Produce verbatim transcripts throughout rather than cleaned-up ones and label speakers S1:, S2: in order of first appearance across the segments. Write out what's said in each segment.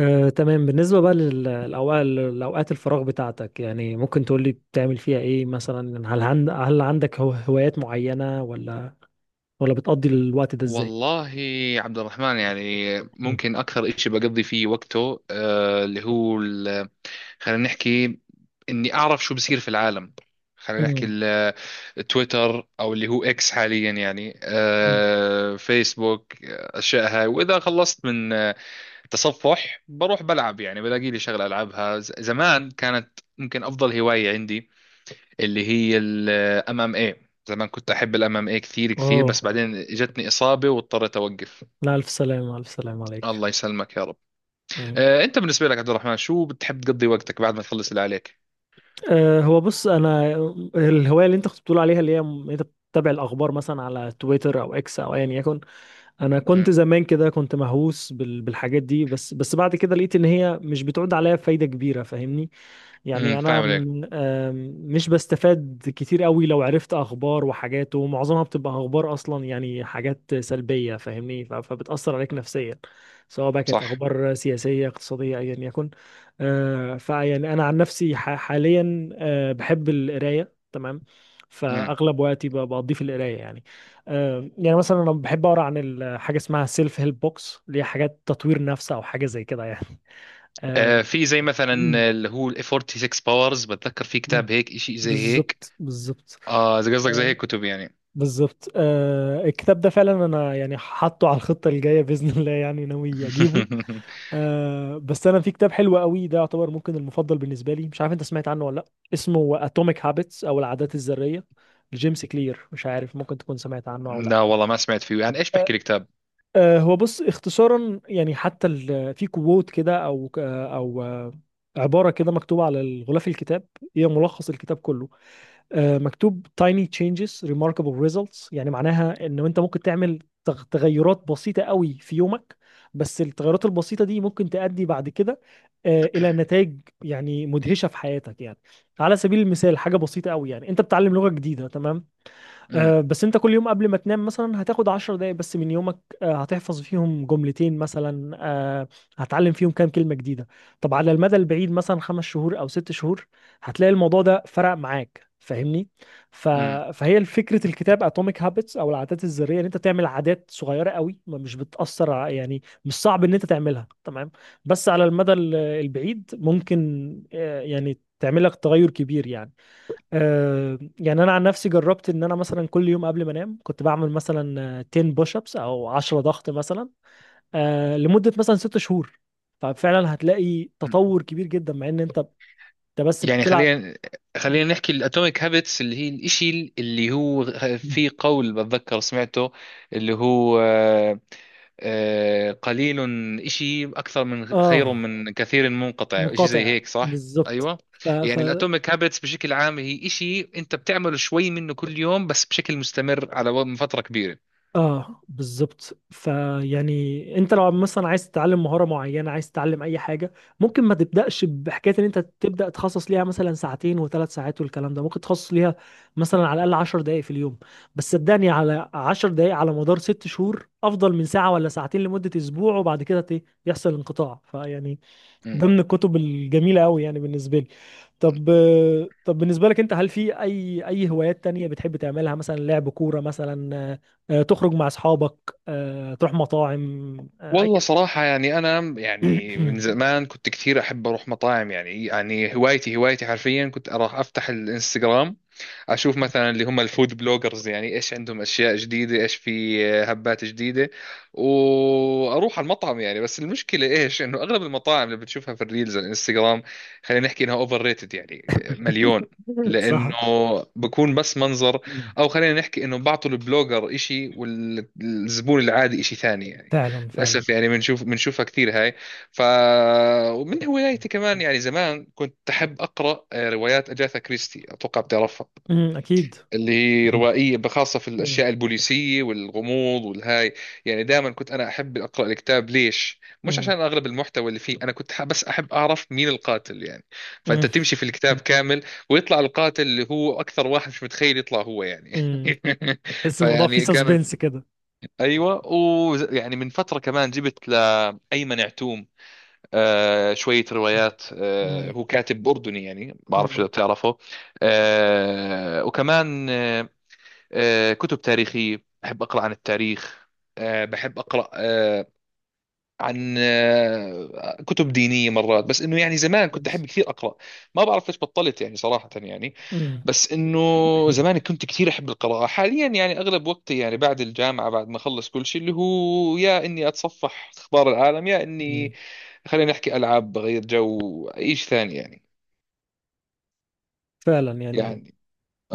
S1: آه، تمام. بالنسبة بقى للأوقات لأوقات الفراغ بتاعتك، يعني ممكن تقولي بتعمل فيها إيه؟ مثلا هل عند هل عندك هو- هوايات معينة، ولا ولا بتقضي الوقت ده إزاي؟
S2: والله، عبد الرحمن، يعني
S1: مم.
S2: ممكن أكثر إشي بقضي فيه وقته، آه، اللي هو ال- خلينا نحكي إني أعرف شو بصير في العالم. خلينا نحكي
S1: مم.
S2: ال- تويتر أو اللي هو إكس حاليا، يعني
S1: مم.
S2: آه، فيسبوك، آه، أشياء هاي. وإذا خلصت من آه، تصفح بروح بلعب، يعني بلاقي لي شغلة ألعبها. ز- زمان كانت ممكن أفضل هواية عندي اللي هي الام ام اي. زمان كنت احب الام ام اي كثير كثير،
S1: أوه،
S2: بس بعدين جتني اصابه واضطريت اوقف.
S1: لا، ألف سلامة، ألف سلامة عليك.
S2: الله يسلمك يا رب.
S1: مم.
S2: آه، انت بالنسبه لك، عبد الرحمن، شو بتحب تقضي وقتك بعد ما تخلص اللي عليك؟
S1: أه هو بص، أنا الهواية اللي أنت كنت بتقول عليها، اللي هي م- أنت بتتابع الأخبار مثلا على تويتر أو إكس أو أيا يكن. أنا كنت
S2: امم.
S1: زمان كده، كنت مهووس بال- بالحاجات دي، بس بس بعد كده لقيت إن هي مش بتعود عليا فايدة كبيرة، فاهمني؟ يعني
S2: امم،
S1: انا
S2: فاهم عليك.
S1: م- آم، مش بستفاد كتير قوي لو عرفت اخبار وحاجات، ومعظمها بتبقى اخبار اصلا يعني حاجات سلبية، فاهمني؟ ف- فبتأثر عليك نفسيا، سواء بقى كانت
S2: صح.
S1: اخبار سياسية اقتصادية ايا يكن. آه، فيعني انا عن نفسي ح- حاليا، آه، بحب القراية. تمام،
S2: امم.
S1: فاغلب وقتي ب- بقضيه في القرايه يعني. آه، يعني مثلا انا بحب اقرا عن ال- حاجه اسمها سيلف هيلب بوكس، اللي هي حاجات تطوير نفس او حاجه زي كده يعني. آه،
S2: آه، في زي مثلا اللي هو ال ستة وأربعين باورز، بتذكر في
S1: مم.
S2: كتاب هيك شيء زي هيك؟
S1: بالظبط، بالظبط.
S2: اه، اذا قصدك زي
S1: آه،
S2: هيك كتب يعني.
S1: بالظبط. آه، الكتاب ده فعلا، انا يعني حاطه على الخطه الجايه باذن الله، يعني ناوي اجيبه. آه بس انا في كتاب حلو قوي، ده يعتبر ممكن المفضل بالنسبه لي. مش عارف انت سمعت عنه ولا لا؟ اسمه اتوميك هابتس او العادات الذريه، لجيمس كلير. مش عارف ممكن تكون سمعت عنه او
S2: لا
S1: لا.
S2: والله، ما سمعت فيه. يعني ايش بحكي الكتاب؟
S1: آه هو بص، اختصارا يعني، حتى ال- في كوت كده، او آه، او آه، عباره كده مكتوبه على الغلاف الكتاب، هي ملخص الكتاب كله. آه، مكتوب tiny changes remarkable results، يعني معناها ان انت ممكن تعمل تغ- تغيرات بسيطة قوي في يومك، بس التغيرات البسيطة دي ممكن تؤدي بعد كده آه، الى نتائج يعني مدهشة في حياتك يعني. على سبيل المثال، حاجة بسيطة قوي يعني، انت بتتعلم لغة جديدة تمام،
S2: امم.
S1: آه، بس انت كل يوم قبل ما تنام مثلا هتاخد عشر دقايق بس من يومك، آه، هتحفظ فيهم جملتين مثلا، آه، هتعلم فيهم كام كلمة جديدة. طب على المدى البعيد، مثلا خمس شهور او ست شهور، هتلاقي الموضوع ده فرق معاك، فاهمني؟ ف...
S2: امم.
S1: فهي فكرة الكتاب اتوميك هابتس او العادات الذرية، ان انت تعمل عادات صغيرة قوي، ما مش بتأثر ع- يعني مش صعب ان انت تعملها تمام، بس على المدى ال- البعيد ممكن آه، يعني تعمل لك تغير كبير يعني. آه، يعني انا عن نفسي، جربت ان انا مثلا كل يوم قبل ما انام كنت بعمل مثلا آه، عشرة بوش ابس او عشرة ضغط مثلا، آه، لمده مثلا ستة شهور، ففعلا هتلاقي تطور كبير جدا، مع ان انت انت بس
S2: يعني
S1: بتلعب.
S2: خلينا خلينا نحكي الاتوميك هابتس، اللي هي الاشي اللي هو في قول بتذكر سمعته اللي هو، آه، آه، قليل اشي اكثر من خير
S1: اه،
S2: من كثير منقطع، اشي زي
S1: منقطع.
S2: هيك، صح؟
S1: بالظبط.
S2: ايوه.
S1: ف... ف...
S2: يعني الاتوميك هابتس بشكل عام هي اشي انت بتعمله شوي منه كل يوم، بس بشكل مستمر على و- فترة كبيرة.
S1: اه، بالظبط. فيعني انت لو مثلا عايز تتعلم مهاره معينه، عايز تتعلم اي حاجه، ممكن ما تبداش بحكايه ان انت تبدا تخصص ليها مثلا ساعتين وثلاث ساعات والكلام ده، ممكن تخصص ليها مثلا على الاقل عشر دقائق في اليوم. بس صدقني، على عشر دقائق على مدار ست شهور افضل من ساعه ولا ساعتين لمده اسبوع، وبعد كده ت- يحصل انقطاع، فيعني ده
S2: مم.
S1: من الكتب الجميلة أوي يعني بالنسبة لي. طب آه، طب بالنسبة لك أنت، هل في أي أي هوايات تانية بتحب تعملها؟ مثلا لعب كورة مثلا، آه، آه، تخرج مع أصحابك، آه، تروح مطاعم، آه، أي
S2: والله صراحة يعني أنا، يعني من زمان كنت كثير أحب أروح مطاعم. يعني يعني هوايتي، هوايتي حرفيا كنت أروح أفتح الإنستغرام، اشوف مثلا اللي هم الفود بلوجرز، يعني ايش عندهم اشياء جديده، ايش في هبات جديده، واروح على المطعم. يعني بس المشكله ايش، انه اغلب المطاعم اللي بتشوفها في الريلز على الانستغرام، خلينا نحكي انها اوفر ريتد يعني مليون،
S1: صح.
S2: لانه بكون بس منظر. او خلينا نحكي انه بعطوا البلوجر اشي والزبون العادي اشي ثاني يعني.
S1: فعلا، فعلا.
S2: للاسف يعني بنشوف بنشوفها كثير هاي. ف، ومن هوايتي كمان، يعني زمان كنت أحب أقرأ آه، روايات أجاثا كريستي، أتوقع بتعرفها.
S1: أمم، أكيد.
S2: اللي هي روائية خاصة في
S1: أمم.
S2: الأشياء البوليسية والغموض والهاي. يعني دائما كنت أنا أحب أقرأ الكتاب. ليش؟ مش
S1: أمم.
S2: عشان أغلب المحتوى اللي فيه، أنا كنت ح- بس أحب أعرف مين القاتل يعني. فأنت
S1: أمم.
S2: تمشي في الكتاب كامل، ويطلع القاتل اللي هو أكثر واحد مش متخيل يطلع هو يعني.
S1: أمم. تحس الموضوع فيه
S2: فيعني كان،
S1: سسبنس كده.
S2: أيوة. ويعني من فترة كمان جبت لأيمن عتوم آه شوية روايات. آه،
S1: أمم.
S2: هو كاتب أردني، يعني ما بعرف
S1: أمم.
S2: شو بتعرفه. آه، وكمان آه، آه، كتب تاريخية، بحب أقرأ عن التاريخ. آه، بحب أقرأ آه، عن آه، كتب دينية مرات. بس إنه يعني زمان كنت
S1: كويس.
S2: أحب كثير أقرأ، ما بعرف ليش بطلت يعني صراحة. يعني
S1: أمم.
S2: بس إنه زمان كنت كثير أحب القراءة. حاليا يعني أغلب وقتي يعني بعد الجامعة، بعد ما أخلص كل شيء، اللي هو يا إني أتصفح أخبار العالم، يا
S1: أمم.
S2: إني خلينا نحكي ألعاب، بغير جو، أي شيء ثاني يعني.
S1: فعلا يعني.
S2: يعني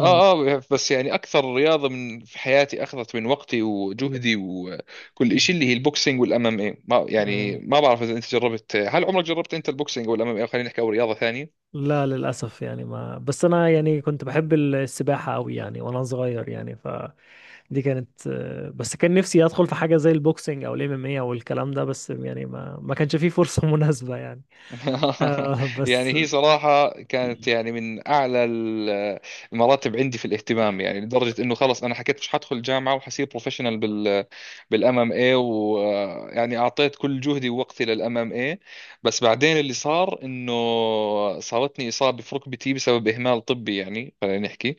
S1: أمم.
S2: اه، بس يعني اكثر رياضه من في حياتي اخذت من وقتي وجهدي وكل شيء، اللي هي البوكسينج والام ام اي. ما يعني
S1: أمم.
S2: ما بعرف اذا انت جربت، هل عمرك جربت انت البوكسينج والام ام اي خلينا نحكي او رياضه ثانيه؟
S1: لا، للأسف يعني. ما بس أنا يعني كنت بحب السباحة أوي يعني، وأنا صغير يعني فدي كانت، آه، بس كان نفسي أدخل في حاجة زي البوكسينج أو الام ام اي أو الكلام ده، بس يعني ما ما كانش فيه فرصة مناسبة يعني. آه
S2: يعني
S1: بس.
S2: هي صراحة كانت يعني من أعلى ال- المراتب عندي في الاهتمام، يعني لدرجة إنه خلص أنا حكيت مش حدخل جامعة وحصير بروفيشنال بال بالام ام اي، ويعني أعطيت كل جهدي ووقتي للام ام اي. بس بعدين اللي صار إنه صارتني إصابة في ركبتي بسبب إهمال طبي، يعني خلينا نحكي.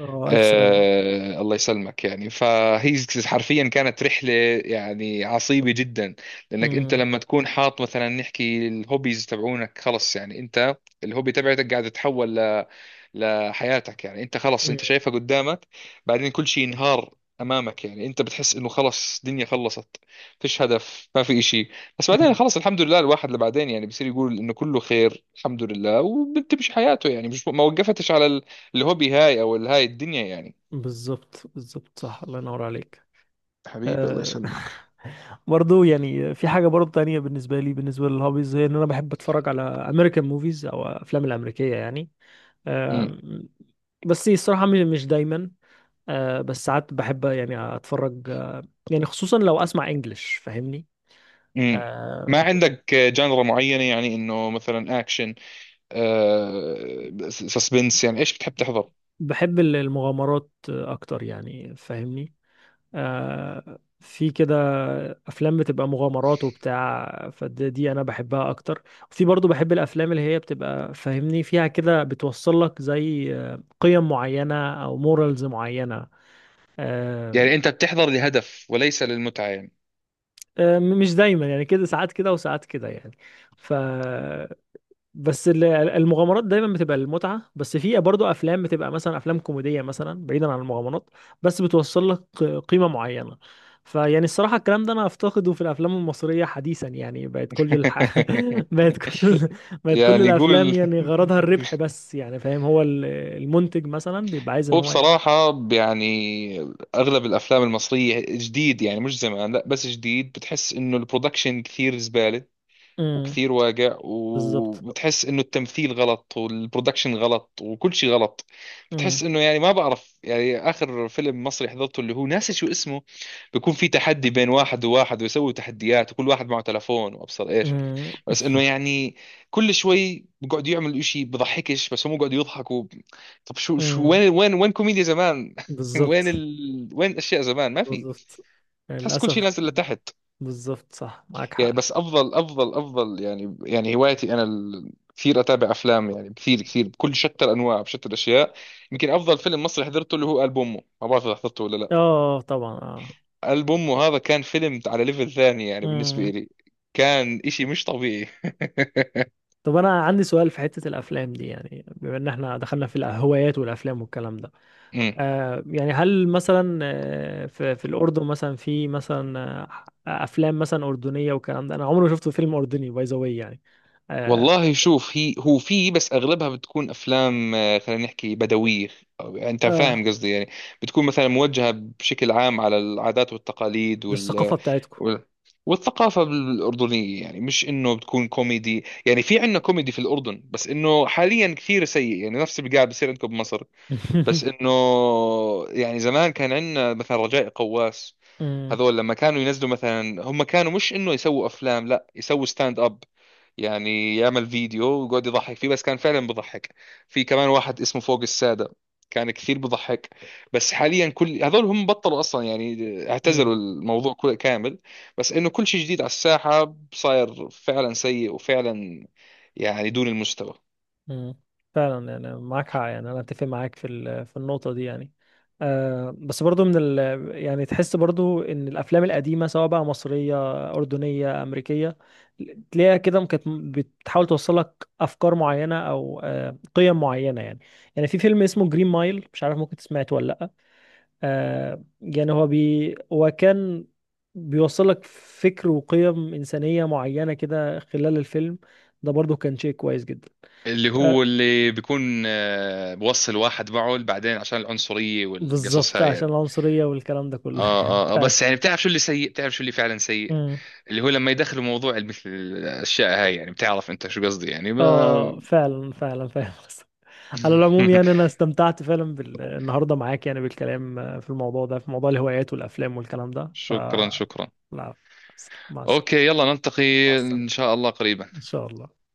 S1: آه، ألف سلامة.
S2: آه، الله يسلمك. يعني فهي حرفيا كانت رحلة يعني عصيبة جدا. لأنك أنت
S1: أمم.
S2: لما تكون حاط مثلا نحكي الهوبيز تبعونك، خلص يعني أنت الهوبي تبعتك قاعد تتحول ل- لحياتك، يعني أنت خلص أنت
S1: أمم.
S2: شايفها قدامك. بعدين كل شيء ينهار أمامك، يعني أنت بتحس إنه خلص الدنيا خلصت، فيش هدف، ما في إشي. بس بعدين
S1: أمم.
S2: خلص، الحمد لله، الواحد اللي بعدين يعني بصير يقول إنه كله خير الحمد لله، وبتمشي حياته يعني، مش ما وقفتش على ال- الهوبي هاي أو الهاي الدنيا يعني.
S1: بالظبط، بالظبط. صح، الله ينور عليك.
S2: حبيبي الله
S1: آه
S2: يسلمك.
S1: برضو يعني في حاجة برضو تانية بالنسبة لي، بالنسبة للهوبيز، هي إن أنا بحب أتفرج على أمريكان موفيز أو أفلام الأمريكية يعني.
S2: امم.
S1: آم، بس الصراحة م- مش دايما، آه، بس ساعات بحب يعني أتفرج، آه، يعني خصوصا لو أسمع إنجلش، فاهمني؟
S2: امم.
S1: آه،
S2: ما عندك جانرا معينة يعني، انه مثلا اكشن، آه سسبنس، يعني ايش بتحب تحضر؟
S1: بحب ال- المغامرات أكتر يعني، فاهمني؟ آه، في كده أفلام بتبقى مغامرات وبتاع فدي، أنا بحبها أكتر. وفي برضو بحب الأفلام اللي هي بتبقى فاهمني فيها كده، بتوصل لك زي آه، قيم معينة أو مورالز معينة. آه،
S2: يعني انت بتحضر لهدف وليس للمتعة يعني؟
S1: آه، مش دايما يعني، كده ساعات كده وساعات كده يعني. ف بس ال- المغامرات دايما بتبقى المتعة، بس في برضه افلام بتبقى مثلا افلام كوميدية مثلا بعيدا عن المغامرات، بس بتوصل لك قيمة معينة. فيعني الصراحة الكلام ده انا افتقده في الافلام المصرية حديثا يعني، بقت كل الح... بقت كل بقت كل
S2: يعني
S1: الافلام
S2: قول،
S1: يعني غرضها الربح بس يعني، فاهم؟ هو ال- المنتج مثلا بيبقى عايز ان
S2: هو
S1: هو يعني
S2: بصراحة يعني اغلب الافلام المصرية جديد، يعني مش زمان لا، بس جديد، بتحس انه البرودكشن كثير زبالة
S1: امم.
S2: وكثير واقع،
S1: بالظبط.
S2: وبتحس انه التمثيل غلط والبرودكشن غلط وكل شيء غلط.
S1: امم.
S2: بتحس انه يعني ما بعرف، يعني اخر فيلم مصري حضرته اللي هو ناسي شو اسمه، بيكون في تحدي بين واحد وواحد، ويسوي تحديات وكل واحد معه تلفون وابصر ايش.
S1: امم.
S2: بس انه يعني كل شوي بقعد يعمل اشي بضحكش، بس هم بقعدوا يضحكوا. طب شو، شو،
S1: امم.
S2: وين، وين، وين كوميديا زمان؟ وين
S1: بالظبط،
S2: ال... وين الاشياء زمان؟ ما في.
S1: بالظبط.
S2: تحس كل شيء
S1: للأسف.
S2: نازل لتحت،
S1: بالظبط. صح، معاك
S2: يعني.
S1: حق.
S2: بس افضل، افضل، افضل يعني. يعني هوايتي انا ال- كثير اتابع افلام، يعني كثير كثير، بكل شتى الانواع بشتى الاشياء. يمكن افضل فيلم مصري حضرته اللي هو قلب امه، ما بعرف اذا حضرته ولا لا.
S1: اه طبعا اه.
S2: قلب امه، هذا كان فيلم على ليفل ثاني يعني بالنسبه
S1: مم.
S2: لي. كان اشي مش طبيعي.
S1: طب أنا عندي سؤال في حتة الأفلام دي، يعني بما إن احنا دخلنا في الهوايات والأفلام والكلام ده. آه يعني هل مثلا آه في, في الأردن مثلا في مثلا آه أفلام مثلا أردنية والكلام ده؟ أنا عمري ما شفت فيلم أردني، باي ذا واي يعني. آه.
S2: والله شوف، هي هو في، بس اغلبها بتكون افلام، آه، خلينا نحكي بدويه. أو- انت
S1: آه،
S2: فاهم قصدي يعني. بتكون مثلا موجهه بشكل عام على العادات والتقاليد، وال
S1: للثقافة بتاعتكم.
S2: وال- والثقافة الأردنية. يعني مش إنه بتكون كوميدي، يعني في عندنا كوميدي في الأردن، بس إنه حاليا كثير سيء، يعني نفس اللي قاعد بصير عندكم بمصر. بس إنه يعني زمان كان عندنا مثلا رجاء قواس.
S1: مم.
S2: هذول لما كانوا ينزلوا، مثلا هم كانوا مش إنه يسووا أفلام، لا يسووا ستاند أب. يعني يعمل فيديو ويقعد يضحك فيه، بس كان فعلا بضحك. في كمان واحد اسمه فوق السادة، كان كثير بضحك. بس حاليا كل هذول هم بطلوا اصلا، يعني
S1: مم.
S2: اعتزلوا الموضوع كل... كامل. بس انه كل شيء جديد على الساحة صاير فعلا سيء، وفعلا يعني دون المستوى.
S1: مم. فعلا يعني، معاك حق يعني، انا اتفق معاك في ال- في النقطه دي يعني. آه بس برضو من ال يعني، تحس برضو ان الافلام القديمه، سواء بقى مصريه اردنيه امريكيه، تلاقيها كده كانت بتحاول توصل لك افكار معينه او آه قيم معينه يعني. يعني في فيلم اسمه جرين مايل، مش عارف ممكن سمعته ولا لا. آه يعني هو بي هو كان بيوصل لك فكر وقيم انسانيه معينه كده خلال الفيلم، ده برضو كان شيء كويس جدا.
S2: اللي
S1: آه،
S2: هو اللي بيكون، آه، بوصل واحد معه بعدين عشان العنصرية والقصص
S1: بالظبط،
S2: هاي
S1: عشان
S2: يعني.
S1: العنصرية والكلام ده كله. آه.
S2: اه. اه، آه،
S1: فعلا.
S2: بس يعني بتعرف شو اللي سيء، بتعرف شو اللي فعلا سيء.
S1: مم.
S2: اللي هو لما يدخلوا موضوع مثل الاشياء هاي، يعني بتعرف انت شو قصدي يعني.
S1: اه
S2: ما،
S1: آه، آه، فعلا، فعلا، فاهم قصدك. على العموم يعني، انا استمتعت فعلا بال... النهارده معاك، يعني بالكلام آه، في الموضوع ده، في موضوع الهوايات والافلام والكلام ده. ف
S2: شكرا، شكرا.
S1: لا، مع السلامة.
S2: اوكي، يلا نلتقي
S1: مع السلامة.
S2: ان شاء الله
S1: ان
S2: قريبا.
S1: شاء الله.